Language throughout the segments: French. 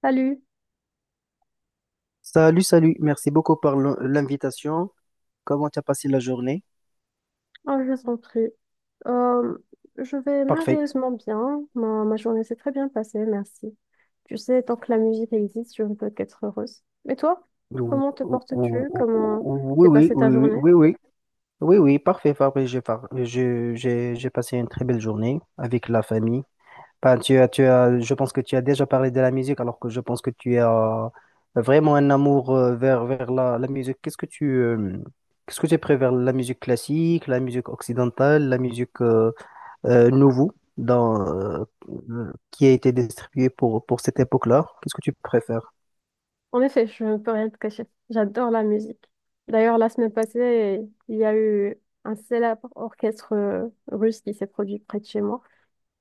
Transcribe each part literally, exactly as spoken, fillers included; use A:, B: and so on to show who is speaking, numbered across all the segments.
A: Salut.
B: Salut, salut. Merci beaucoup pour l'in- l'invitation. Comment tu as passé la journée?
A: Oh, je t'en prie. Euh, je vais
B: Parfait.
A: merveilleusement bien. Ma, ma journée s'est très bien passée, merci. Tu sais, tant que la musique existe, je ne peux qu'être heureuse. Et toi,
B: Ou-
A: comment te
B: ou- ou-
A: portes-tu?
B: ou-
A: Comment
B: ou- Oui,
A: t'es
B: oui,
A: passée ta
B: oui, oui,
A: journée?
B: oui, oui, oui, oui, parfait, parfait. J'ai par- je- j'ai j'ai passé une très belle journée avec la famille. Ben, tu as, tu as, je pense que tu as déjà parlé de la musique, alors que je pense que tu as vraiment un amour euh, vers, vers la, la musique. Qu'est-ce que tu, euh, qu'est-ce que tu préfères? La musique classique, la musique occidentale, la musique euh, euh, nouveau dans, euh, qui a été distribué pour, pour cette époque-là. Qu'est-ce que tu préfères?
A: En effet, je ne peux rien te cacher. J'adore la musique. D'ailleurs, la semaine passée, il y a eu un célèbre orchestre euh, russe qui s'est produit près de chez moi.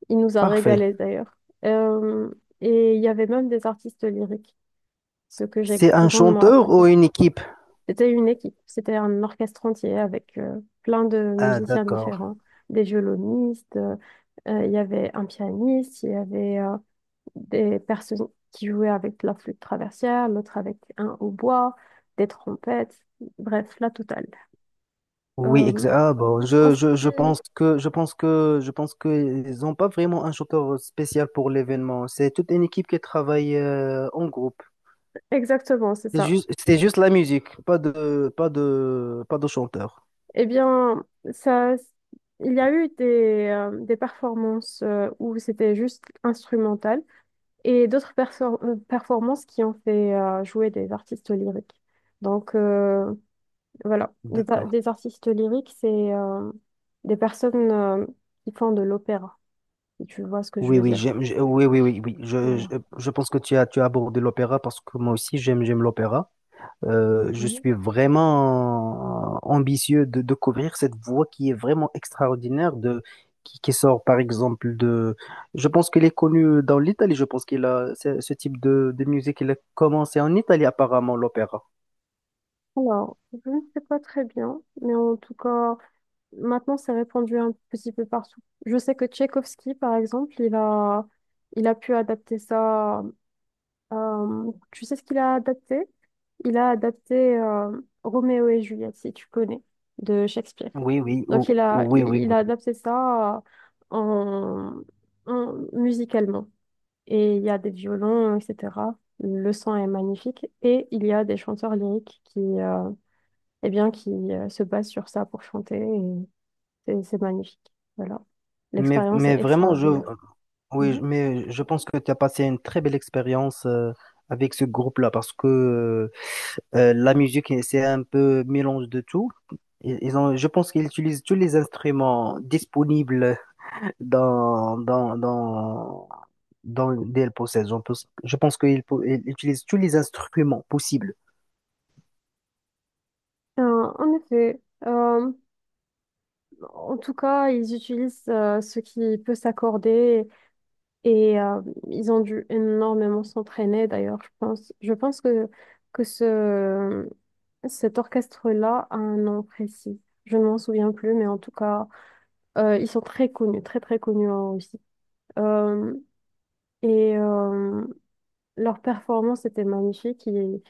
A: Il nous a
B: Parfait.
A: régalés d'ailleurs. Euh, et il y avait même des artistes lyriques, ce que j'ai
B: C'est un
A: grandement
B: chanteur ou
A: apprécié.
B: une équipe?
A: C'était une équipe, c'était un orchestre entier avec euh, plein de
B: Ah,
A: musiciens
B: d'accord.
A: différents, des violonistes, euh, euh, il y avait un pianiste, il y avait euh, des personnes qui jouaient avec la flûte traversière, l'autre avec un hautbois, des trompettes, bref, la totale.
B: Oui,
A: Euh,
B: exact. Ah, bon,
A: en
B: je,
A: ce
B: je,
A: qui-
B: je pense que je pense que je pense que ils n'ont pas vraiment un chanteur spécial pour l'événement. C'est toute une équipe qui travaille euh, en groupe.
A: Exactement, c'est
B: C'est
A: ça.
B: juste, c'est juste la musique, pas de pas de pas de chanteur.
A: Eh bien, ça, il y a eu des, euh, des performances euh, où c'était juste instrumental. Et d'autres perfor- euh, performances qui ont fait euh, jouer des artistes lyriques. Donc euh, voilà, des, a-
B: D'accord.
A: des artistes lyriques, c'est euh, des personnes euh, qui font de l'opéra, si tu vois ce que je
B: Oui,
A: veux
B: oui,
A: dire.
B: j'aime, j'ai- oui, oui, oui, oui. Je, je,
A: Voilà.
B: je pense que tu as tu as abordé l'opéra parce que moi aussi j'aime j'aime l'opéra. Euh, je
A: Mhm.
B: suis vraiment ambitieux de, de couvrir cette voie qui est vraiment extraordinaire, de, qui, qui sort par exemple de. Je pense qu'elle est connue dans l'Italie, je pense qu'il a ce, ce type de, de musique, il a commencé en Italie apparemment, l'opéra.
A: Alors, je ne sais pas très bien, mais en tout cas, maintenant, c'est répandu un petit peu partout. Je sais que Tchaïkovski, par exemple, il a, il a pu adapter ça. Euh, tu sais ce qu'il a adapté? Il a adapté euh, Roméo et Juliette, si tu connais, de Shakespeare.
B: Oui, oui,
A: Donc
B: ou-
A: il a,
B: oui,
A: il,
B: oui,
A: il a
B: oui.
A: adapté ça euh, en, en- musicalement. Et il y a des violons, et cetera. Le son est magnifique. Et il y a des chanteurs lyriques qui, euh, eh bien, qui euh, se basent sur ça pour chanter. Et c'est c'est magnifique. Voilà.
B: Mais,
A: L'expérience
B: mais
A: est
B: vraiment, je,
A: extraordinaire.
B: oui,
A: Mhm.
B: mais je pense que tu as passé une très belle expérience euh, avec ce groupe-là parce que Euh, la musique, c'est un peu mélange de tout. Ils ils ont, je pense qu'ils utilisent tous les instruments disponibles dans, dans, dans, dans D L Process. Je pense, je pense qu'ils pou- ils utilisent tous les instruments possibles.
A: Euh, en effet, euh, en tout cas, ils utilisent euh, ce qui peut s'accorder et euh, ils ont dû énormément s'entraîner. D'ailleurs, je pense, je pense que, que ce, cet orchestre-là a un nom précis. Je ne m'en souviens plus, mais en tout cas, euh, ils sont très connus, très très connus en Russie. Euh, et euh, leur performance était magnifique. Et,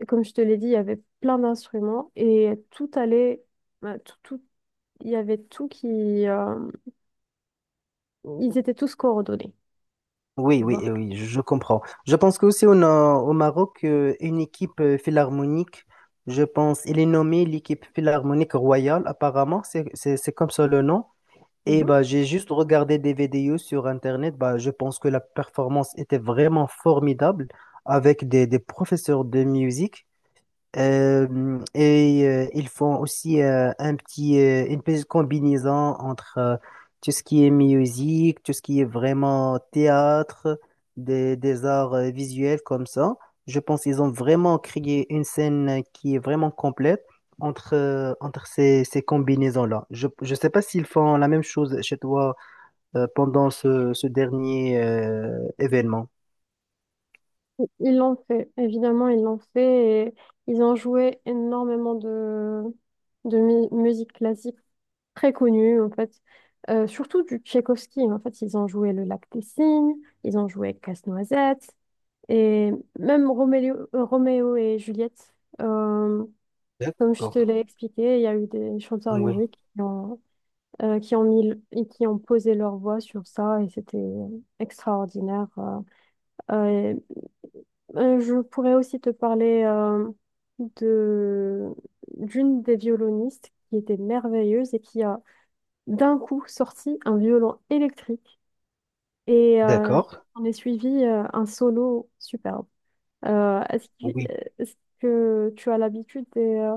A: et comme je te l'ai dit, il y avait plein d'instruments et tout allait, bah, tout, tout- il y avait tout qui, euh, ils étaient tous coordonnés,
B: Oui,
A: tu
B: oui,
A: vois.
B: eh oui, je comprends. Je pense qu'aussi on a au Maroc euh, une équipe euh, philharmonique. Je pense, elle est nommée l'équipe philharmonique royale, apparemment, c'est c'est- c'est comme ça le nom. Et
A: Mhm.
B: bah, j'ai juste regardé des vidéos sur Internet. Bah, je pense que la performance était vraiment formidable avec des, des professeurs de musique. Euh, et euh, ils font aussi euh, un petit, euh, une petite combinaison entre euh, tout ce qui est musique, tout ce qui est vraiment théâtre, des, des arts euh, visuels comme ça. Je pense qu'ils ont vraiment créé une scène qui est vraiment complète entre, euh, entre ces, ces combinaisons-là. Je ne sais pas s'ils font la même chose chez toi euh, pendant ce, ce dernier euh, événement.
A: Ils l'ont fait, évidemment, ils l'ont fait et ils ont joué énormément de, de mu- musique classique très connue, en fait. Euh, surtout du Tchaïkovski, en fait, ils ont joué Le Lac des Cygnes, ils ont joué Casse-Noisette et même Roméo, euh, Roméo et Juliette. Euh, Comme je te
B: D'accord.
A: l'ai expliqué, il y a eu des chanteurs
B: Oui.
A: lyriques qui ont, euh, qui ont mis, le- et qui ont posé leur voix sur ça et c'était extraordinaire. euh, Euh, euh, je pourrais aussi te parler euh, de d'une des violonistes qui était merveilleuse et qui a d'un coup sorti un violon électrique et euh,
B: D'accord.
A: on est suivi euh, un solo superbe. Euh, est-ce que,
B: Oui.
A: est-ce que tu as l'habitude des, euh,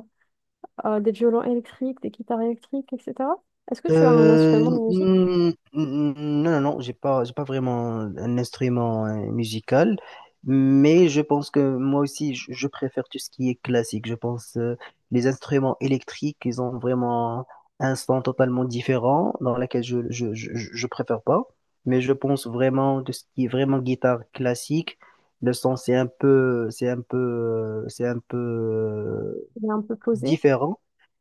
A: euh, des violons électriques, des guitares électriques, et cetera. Est-ce que tu as un
B: Euh,
A: instrument de musique
B: n- n- non, non, non, j'ai pas, j'ai pas vraiment un instrument euh, musical, mais je pense que moi aussi, je, je préfère tout ce qui est classique. Je pense euh, les instruments électriques, ils ont vraiment un son totalement différent dans lequel je, je, je, je je préfère pas. Mais je pense vraiment de ce qui est vraiment guitare classique, le son c'est un peu, c'est un peu, euh, c'est un peu euh,
A: qui est un peu posé?
B: différent.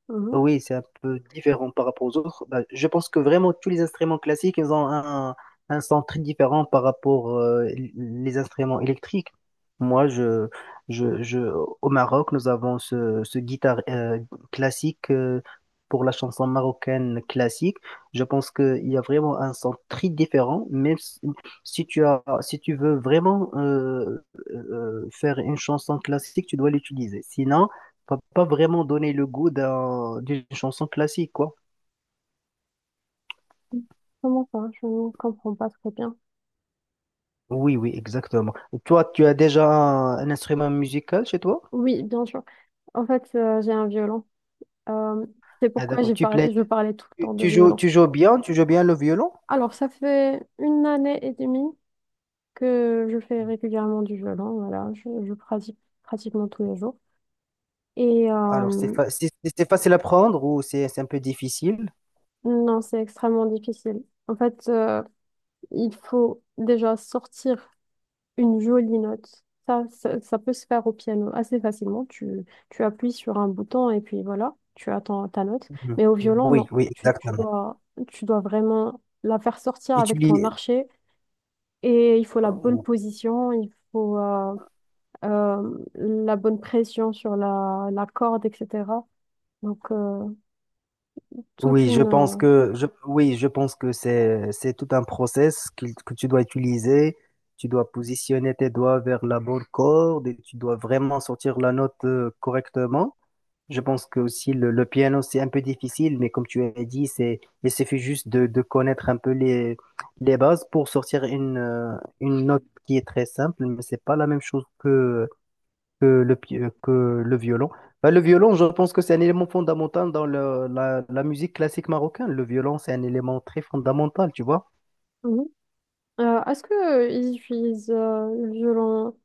A: Mhm.
B: Oui, c'est un peu différent par rapport aux autres. Bah, je pense que vraiment tous les instruments classiques, ils ont un, un son très différent par rapport euh, les instruments électriques. Moi, je, je, je, au Maroc, nous avons ce, ce guitare euh, classique euh, pour la chanson marocaine classique. Je pense qu'il y a vraiment un son très différent, même si, si tu as, si tu veux vraiment euh, euh, faire une chanson classique, tu dois l'utiliser. Sinon, va pas vraiment donner le goût d'un- d'une chanson classique, quoi.
A: Comment ça? Je ne comprends pas très bien.
B: Oui, oui, exactement. Toi, tu as déjà un, un instrument musical chez toi?
A: Oui, bien sûr. En fait, euh, j'ai un violon. Euh, c'est
B: Ah,
A: pourquoi
B: d'accord.
A: j'ai
B: Tu plais,
A: parlé, je parlais tout le
B: tu,
A: temps de
B: tu joues,
A: violon.
B: tu joues bien, tu joues bien le violon?
A: Alors, ça fait une année et demie que je fais régulièrement du violon. Voilà, je, je pratique pratiquement tous les jours. Et
B: Alors, c'est
A: euh,
B: fa- c'est c'est- c'est facile à prendre ou c'est c'est un peu difficile?
A: non, c'est extrêmement difficile. En fait, euh, il faut déjà sortir une jolie note. Ça, ça, ça peut se faire au piano assez facilement. Tu, tu appuies sur un bouton et puis voilà, tu attends ta note.
B: Mhm.
A: Mais au violon,
B: Oui,
A: non.
B: oui,
A: Tu, tu
B: exactement.
A: dois, tu dois vraiment la faire sortir
B: Et tu
A: avec ton
B: y-
A: archet et il faut la bonne position, il faut euh, euh, la bonne pression sur la, la corde, et cetera. Donc, euh, toute
B: Oui, je
A: une...
B: pense
A: euh,
B: que je, oui, je pense que c'est c'est tout un process qu'il- que, tu dois utiliser. Tu dois positionner tes doigts vers la bonne corde et tu dois vraiment sortir la note euh, correctement. Je pense que aussi le, le piano c'est un peu difficile, mais comme tu as dit, c'est il suffit juste de, de connaître un peu les les bases pour sortir une euh, une note qui est très simple, mais c'est pas la même chose que que le, pi- euh, que le violon. Bah, le violon, je pense que c'est un élément fondamental dans le- la, la musique classique marocaine. Le violon, c'est un élément très fondamental, tu vois.
A: mhm. Euh, est-ce qu'ils utilisent euh, le violon?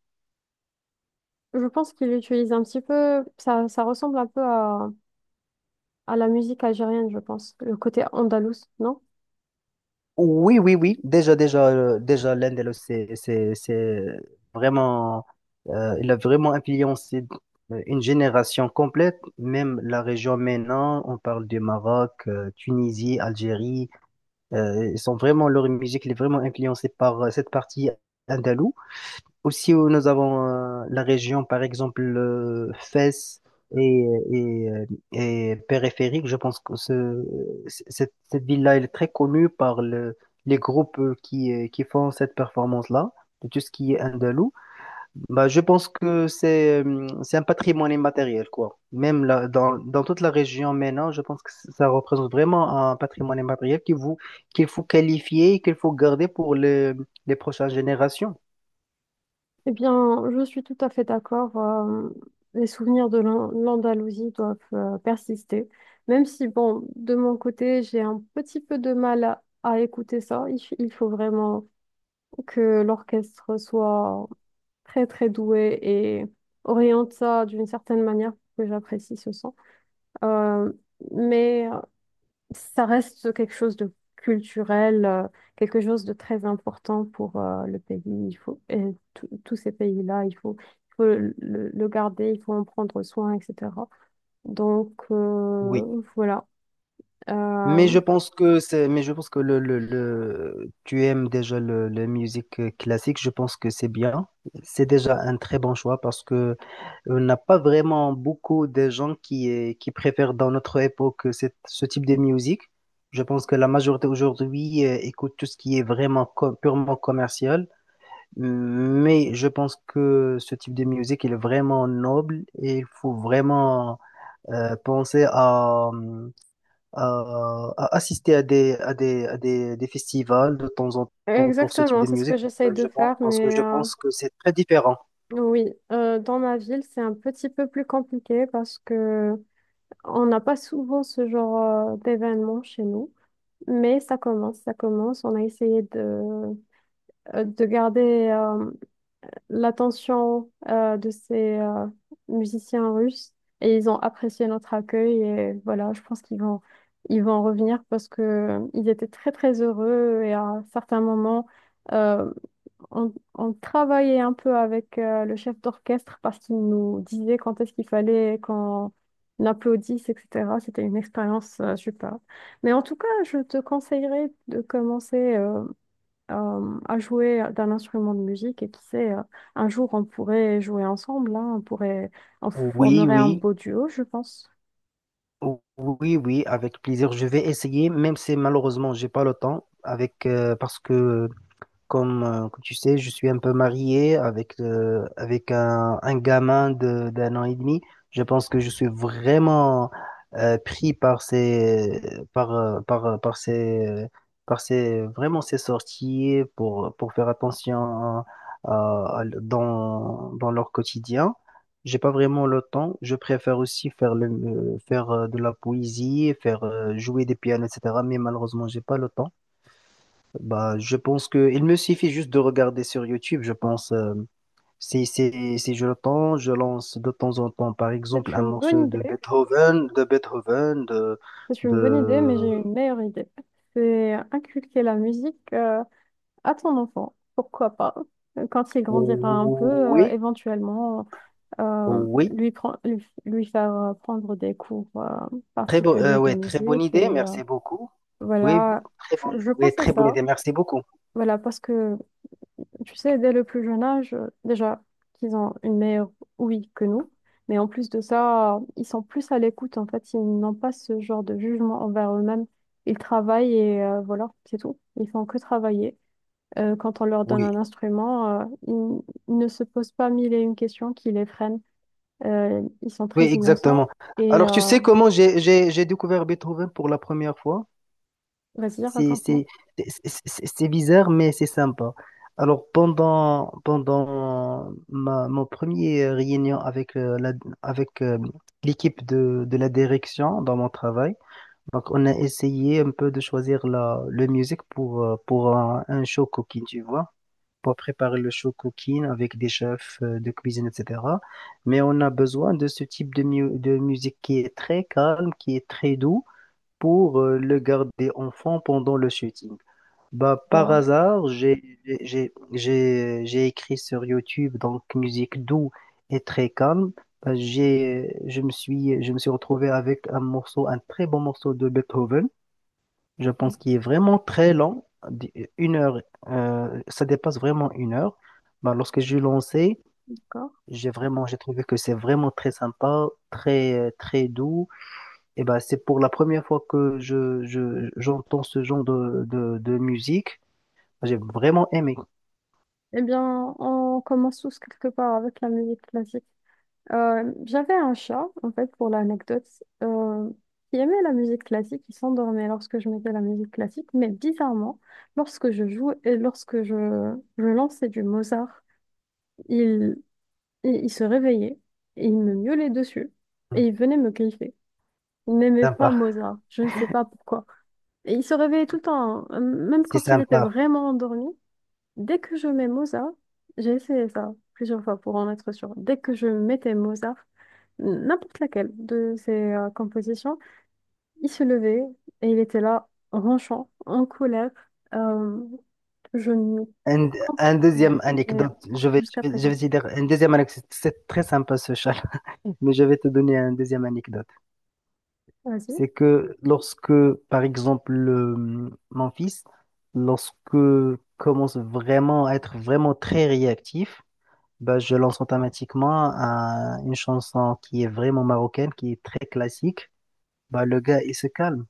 A: Je pense qu'ils l'utilisent un petit peu, ça, ça ressemble un peu à à la musique algérienne, je pense, le côté andalous, non?
B: Oui, oui, oui. Déjà, déjà, euh, déjà, l'Indel, c'est, c'est, c'est vraiment, euh, il a vraiment influencé euh, une génération complète, même la région maintenant. On parle du Maroc, euh, Tunisie, Algérie. euh, ils sont vraiment, leur musique, elle est vraiment influencée par euh, cette partie andalouse. Aussi, où nous avons euh, la région, par exemple, euh, Fès et, et, euh, et périphérique. Je pense que ce, c- cette, cette ville-là, elle est très connue par le, les groupes euh, qui, euh, qui font cette performance-là, de tout ce qui est andalou. Bah, je pense que c'est euh, c'est un patrimoine immatériel, quoi. Même là, dans, dans toute la région maintenant, je pense que ça représente vraiment un patrimoine immatériel qu'il vous, qu'il faut qualifier et qu'il faut garder pour les, les prochaines générations.
A: Eh bien, je suis tout à fait d'accord. Euh, les souvenirs de l'An- l'Andalousie doivent euh, persister. Même si, bon, de mon côté, j'ai un petit peu de mal à, à écouter ça. Il, f- il faut vraiment que l'orchestre soit très, très doué et oriente ça d'une certaine manière pour que j'apprécie ce son. Euh, mais ça reste quelque chose de culturel, euh, quelque chose de très important pour euh, le pays. Il faut, et tous tous ces pays-là, il faut, il faut le, le garder, il faut en prendre soin, et cetera. Donc,
B: Oui.
A: euh, voilà.
B: Mais je
A: Euh,
B: pense que c'est, mais je pense que le, le, le- tu aimes déjà le, la musique euh, classique. Je pense que c'est bien. C'est déjà un très bon choix parce que euh, on n'a pas vraiment beaucoup de gens qui, eh, qui préfèrent dans notre époque cette, ce type de musique. Je pense que la majorité aujourd'hui eh, écoute tout ce qui est vraiment co- purement commercial. Mais je pense que ce type de musique il est vraiment noble et il faut vraiment euh, penser à à, à assister à des, à des, à des, des festivals de temps en temps pour ce type
A: Exactement,
B: de
A: c'est ce que
B: musique,
A: j'essaye
B: euh,
A: de
B: je pense,
A: faire,
B: parce que
A: mais
B: je
A: euh,
B: pense que c'est très différent.
A: oui, euh, dans ma ville, c'est un petit peu plus compliqué parce que on n'a pas souvent ce genre euh, d'événement chez nous. Mais ça commence, ça commence. On a essayé de, euh, de garder euh, l'attention euh, de ces euh, musiciens russes et ils ont apprécié notre accueil et voilà, je pense qu'ils vont ils vont revenir parce que euh, ils étaient très très heureux et à certains moments euh, on, on travaillait un peu avec euh, le chef d'orchestre parce qu'il nous disait quand est-ce qu'il fallait qu'on applaudisse, et cetera. C'était une expérience euh, super. Mais en tout cas, je te conseillerais de commencer, euh, euh, à jouer d'un instrument de musique et qui sait, euh, un jour on pourrait jouer ensemble, hein, on pourrait, on
B: Oui,
A: formerait un
B: oui,
A: beau duo, je pense.
B: oui, oui, avec plaisir. Je vais essayer, même si malheureusement, j'ai pas le temps, avec, euh, parce que Comme, euh, comme tu sais, je suis un peu marié avec, euh, avec un, un gamin de, d'un an et demi. Je pense que je suis vraiment euh, pris par ces, par, euh, par, euh, par ces, par ces, vraiment ces sorties pour, pour faire attention à- à- dans, dans leur quotidien. J'ai pas vraiment le temps. Je préfère aussi faire le, euh, faire euh, de la poésie, faire euh, jouer des pianos, et cetera. Mais malheureusement, j'ai pas le temps. Bah, je pense que il me suffit juste de regarder sur YouTube, je pense. euh, si, si, si, je l'entends, je lance de temps en temps, par exemple,
A: C'est
B: un
A: une bonne
B: morceau de
A: idée,
B: Beethoven, de Beethoven, de,
A: c'est une bonne idée, mais j'ai
B: de...
A: une meilleure idée. C'est inculquer la musique euh, à ton enfant, pourquoi pas. Quand il grandira un peu, euh,
B: Oui,
A: éventuellement, euh,
B: oui.
A: lui, pren- lui, lui faire euh, prendre des cours euh,
B: Très bon, euh,
A: particuliers de
B: ouais, très bonne
A: musique.
B: idée,
A: Et euh,
B: merci beaucoup. Oui,
A: voilà,
B: très bon,
A: je, je
B: oui,
A: pense à
B: très bonne
A: ça.
B: idée, merci beaucoup.
A: Voilà, parce que tu sais, dès le plus jeune âge, euh, déjà, qu'ils ont une meilleure ouïe que nous, mais en plus de ça, ils sont plus à l'écoute, en fait, ils n'ont pas ce genre de jugement envers eux-mêmes. Ils travaillent et euh, voilà, c'est tout. Ils font que travailler. Euh, quand on leur donne
B: Oui,
A: un instrument, euh, ils, ils ne se posent pas mille et une questions qui les freinent. Euh, ils sont
B: oui,
A: très innocents.
B: exactement.
A: Et
B: Alors, tu
A: euh,
B: sais comment j'ai, j'ai, j'ai découvert Beethoven pour la première fois?
A: vas-y,
B: C'est
A: raconte-moi.
B: c'est- c'est- c'est- c'est bizarre, mais c'est sympa. Alors, pendant, pendant ma, mon premier euh, réunion avec, euh, la, avec euh, l'équipe de, de la direction dans mon travail, donc on a essayé un peu de choisir la, le musique pour, euh, pour un, un show cooking, tu vois, pour préparer le show cooking avec des chefs euh, de cuisine, et cetera. Mais on a besoin de ce type de, mu- de musique qui est très calme, qui est très doux pour euh, le garder en fond pendant le shooting. Bah, par
A: Voilà.
B: hasard, j'ai j'ai j'ai j'ai écrit sur YouTube donc musique doux et très calme. Bah, j'ai je me suis je me suis retrouvé avec un morceau un très bon morceau de Beethoven. Je pense qu'il est vraiment très lent, une heure euh, ça dépasse vraiment une heure. Bah, lorsque j'ai lancé,
A: D'accord.
B: j'ai vraiment j'ai trouvé que c'est vraiment très sympa, très très doux. Et bah, c'est pour la première fois que je je j'entends ce genre de de, de musique. J'ai vraiment aimé.
A: Eh bien, on commence tous quelque part avec la musique classique. Euh, j'avais un chat, en fait, pour l'anecdote, euh, qui aimait la musique classique, il s'endormait lorsque je mettais la musique classique, mais bizarrement, lorsque je jouais et lorsque je, je lançais du Mozart, il, il, il se réveillait et il me miaulait dessus
B: Hmm.
A: et il venait me griffer. Il n'aimait pas
B: Sympa,
A: Mozart, je ne sais pas pourquoi. Et il se réveillait tout le temps, hein, même
B: c'est
A: quand il était
B: sympa.
A: vraiment endormi. Dès que je mets Mozart, j'ai essayé ça plusieurs fois pour en être sûre. Dès que je mettais Mozart, n'importe laquelle de ses euh, compositions, il se levait et il était là, ronchant, en colère. Euh, je ne
B: Un, un
A: comprends
B: deuxième
A: rien
B: anecdote, je vais,
A: jusqu'à
B: je vais, je
A: présent.
B: vais te dire une deuxième anecdote, c'est très sympa ce chat, mais je vais te donner une deuxième anecdote.
A: Vas-y.
B: C'est que lorsque, par exemple, le- mon fils, lorsque commence vraiment à être vraiment très réactif, bah, je lance automatiquement un- une chanson qui est vraiment marocaine, qui est très classique. Bah, le gars, il se calme.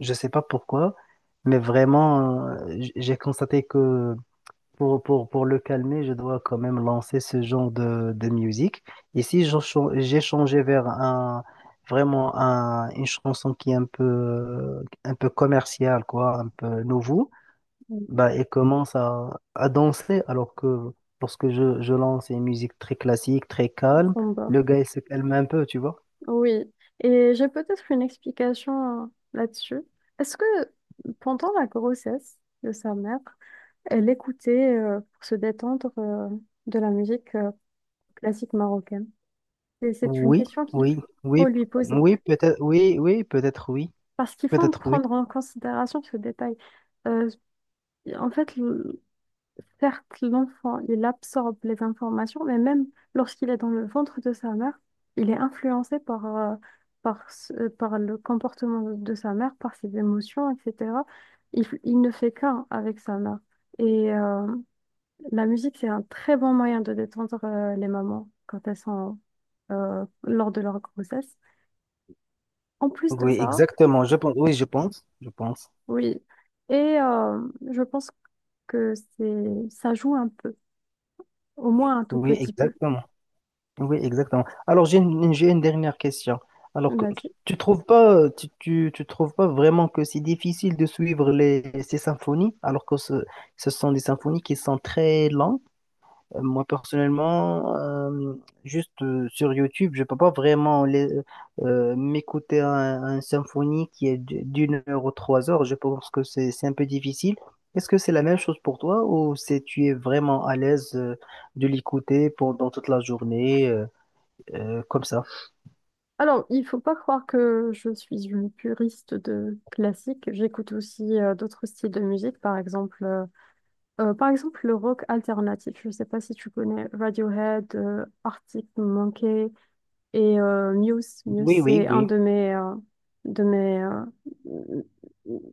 B: Je sais pas pourquoi, mais vraiment, euh, j- j'ai constaté que Pour, pour, pour le calmer, je dois quand même lancer ce genre de, de musique. Et si je cha- j'ai changé vers un, vraiment un, une chanson qui est un peu, un peu commerciale, quoi, un peu nouveau,
A: Oui.
B: bah, elle commence à, à danser. Alors que lorsque je, je lance une musique très classique, très calme,
A: Sombre.
B: le gars, il se calme un peu, tu vois.
A: Oui. Et j'ai peut-être une explication euh, là-dessus. Est-ce que pendant la grossesse de sa mère, elle écoutait euh, pour se détendre euh, de la musique euh, classique marocaine. Et c'est une
B: Oui,
A: question qu'il
B: oui,
A: faut
B: oui,
A: lui poser.
B: oui, peut-être, oui, oui, peut-être, oui,
A: Parce qu'il faut
B: peut-être, oui.
A: prendre en considération ce détail. Euh, En fait, le- certes, l'enfant, il absorbe les informations, mais même lorsqu'il est dans le ventre de sa mère, il est influencé par, euh, par, ce- euh, par le comportement de de sa mère, par ses émotions, et cetera. Il, il ne fait qu'un avec sa mère. Et euh, la musique, c'est un très bon moyen de détendre euh, les mamans quand elles sont euh, lors de leur grossesse. En plus de
B: Oui,
A: ça,
B: exactement, je pense, oui, je pense, je pense.
A: oui. Et euh, je pense que c'est ça joue un peu, au moins un tout
B: Oui,
A: petit peu.
B: exactement. Oui, exactement. Alors, j'ai une, j'ai une dernière question. Alors, que-
A: Vas-y.
B: tu trouves pas, tu, tu, tu trouves pas vraiment que c'est difficile de suivre les, ces symphonies, alors que ce, ce sont des symphonies qui sont très lentes. Euh, Moi, personnellement, euh, juste euh, sur YouTube, je peux pas vraiment les, euh, m'écouter un, un symphonie qui est d- d'une heure ou trois heures. Je pense que c'est, c'est un peu difficile. Est-ce que c'est la même chose pour toi ou c'est tu es vraiment à l'aise euh, de l'écouter pendant toute la journée? euh? euh, comme ça.
A: Alors, il faut pas croire que je suis une puriste de classique. J'écoute aussi euh, d'autres styles de musique, par exemple, euh, euh, par exemple le rock alternatif. Je sais pas si tu connais Radiohead, euh, Arctic Monkey. Et euh, Muse, Muse,
B: Oui, oui,
A: c'est un
B: oui,
A: de mes, euh, de mes, euh,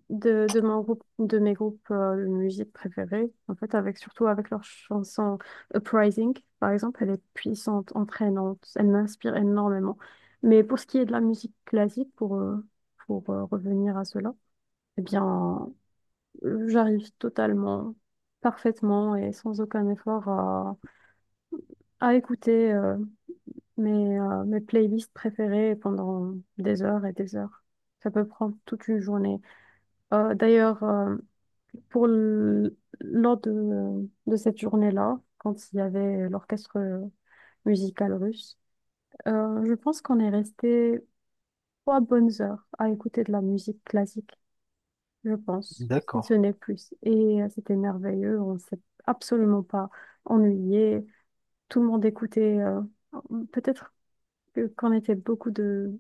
A: de, de mon groupe, de mes groupes euh, de musique préférés. En fait, avec surtout avec leur chanson Uprising, par exemple, elle est puissante, entraînante, elle m'inspire énormément. Mais pour ce qui est de la musique classique, pour euh, pour euh, revenir à cela, eh bien, euh, j'arrive totalement, parfaitement et sans aucun effort à à écouter euh, mes, euh, mes playlists préférées pendant des heures et des heures. Ça peut prendre toute une journée. Euh, d'ailleurs, euh, pour l- lors de, de cette journée-là, quand il y avait l'orchestre musical russe, euh, je pense qu'on est resté trois bonnes heures à écouter de la musique classique, je pense, si ce
B: d'accord.
A: n'est plus. Et euh, c'était merveilleux, on s'est absolument pas ennuyé. Tout le monde écoutait, euh, peut-être que- qu'on était beaucoup de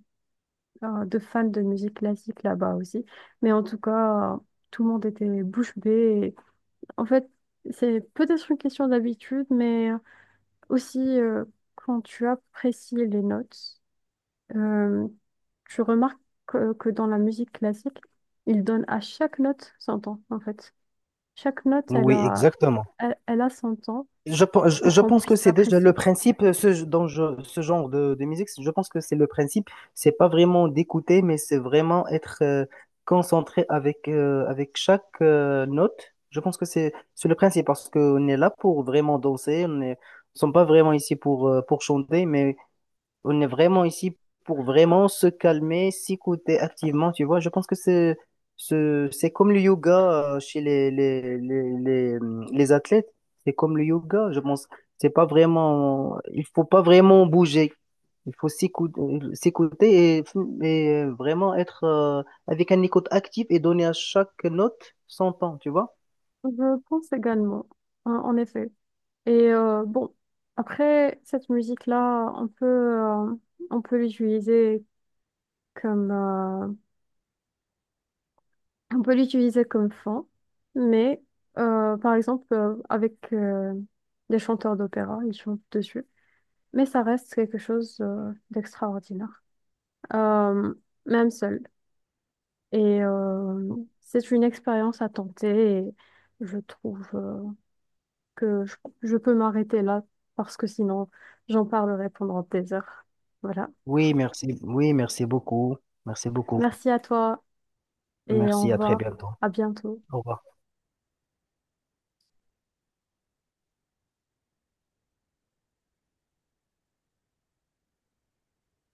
A: euh, de fans de musique classique là-bas aussi. Mais en tout cas, euh, tout le monde était bouche bée. Et en fait, c'est peut-être une question d'habitude, mais aussi euh, quand tu apprécies les notes, euh, tu remarques que, que dans la musique classique, ils donnent à chaque note son temps, en fait. Chaque note, elle
B: Oui,
A: a,
B: exactement.
A: elle, elle a son temps
B: Je, pe- je
A: pour
B: je
A: qu'on
B: pense que
A: puisse
B: c'est déjà le
A: l'apprécier.
B: principe, euh, ce, dans je- ce genre de, de musique, je pense que c'est le principe, c'est pas vraiment d'écouter, mais c'est vraiment être euh, concentré avec, euh, avec chaque euh, note. Je pense que c'est c'est le principe, parce qu'on est là pour vraiment danser, on est, nous sommes pas vraiment ici pour, euh, pour chanter, mais on est vraiment ici pour vraiment se calmer, s'écouter activement, tu vois. Je pense que c'est ce- c'est comme le yoga euh, chez les, les, les, les, hum, les athlètes. C'est comme le yoga, je pense. C'est pas vraiment, Il faut pas vraiment bouger. Il faut s'écouter, s'écouter et, et vraiment être euh, avec un écoute active et donner à chaque note son temps, tu vois.
A: Je pense également, en en effet. Et euh, bon, après cette musique-là, on peut, euh, on peut l'utiliser comme, euh, on peut l'utiliser comme fond, mais euh, par exemple euh, avec euh, des chanteurs d'opéra, ils chantent dessus, mais ça reste quelque chose euh, d'extraordinaire, Euh, même seul. Et euh, c'est une expérience à tenter et je trouve euh, que je, je peux m'arrêter là parce que sinon j'en parlerai pendant des heures. Voilà.
B: Oui, merci. Oui, merci beaucoup. Merci beaucoup.
A: Merci à toi et au
B: Merci, à très
A: revoir.
B: bientôt.
A: À bientôt.
B: Au revoir.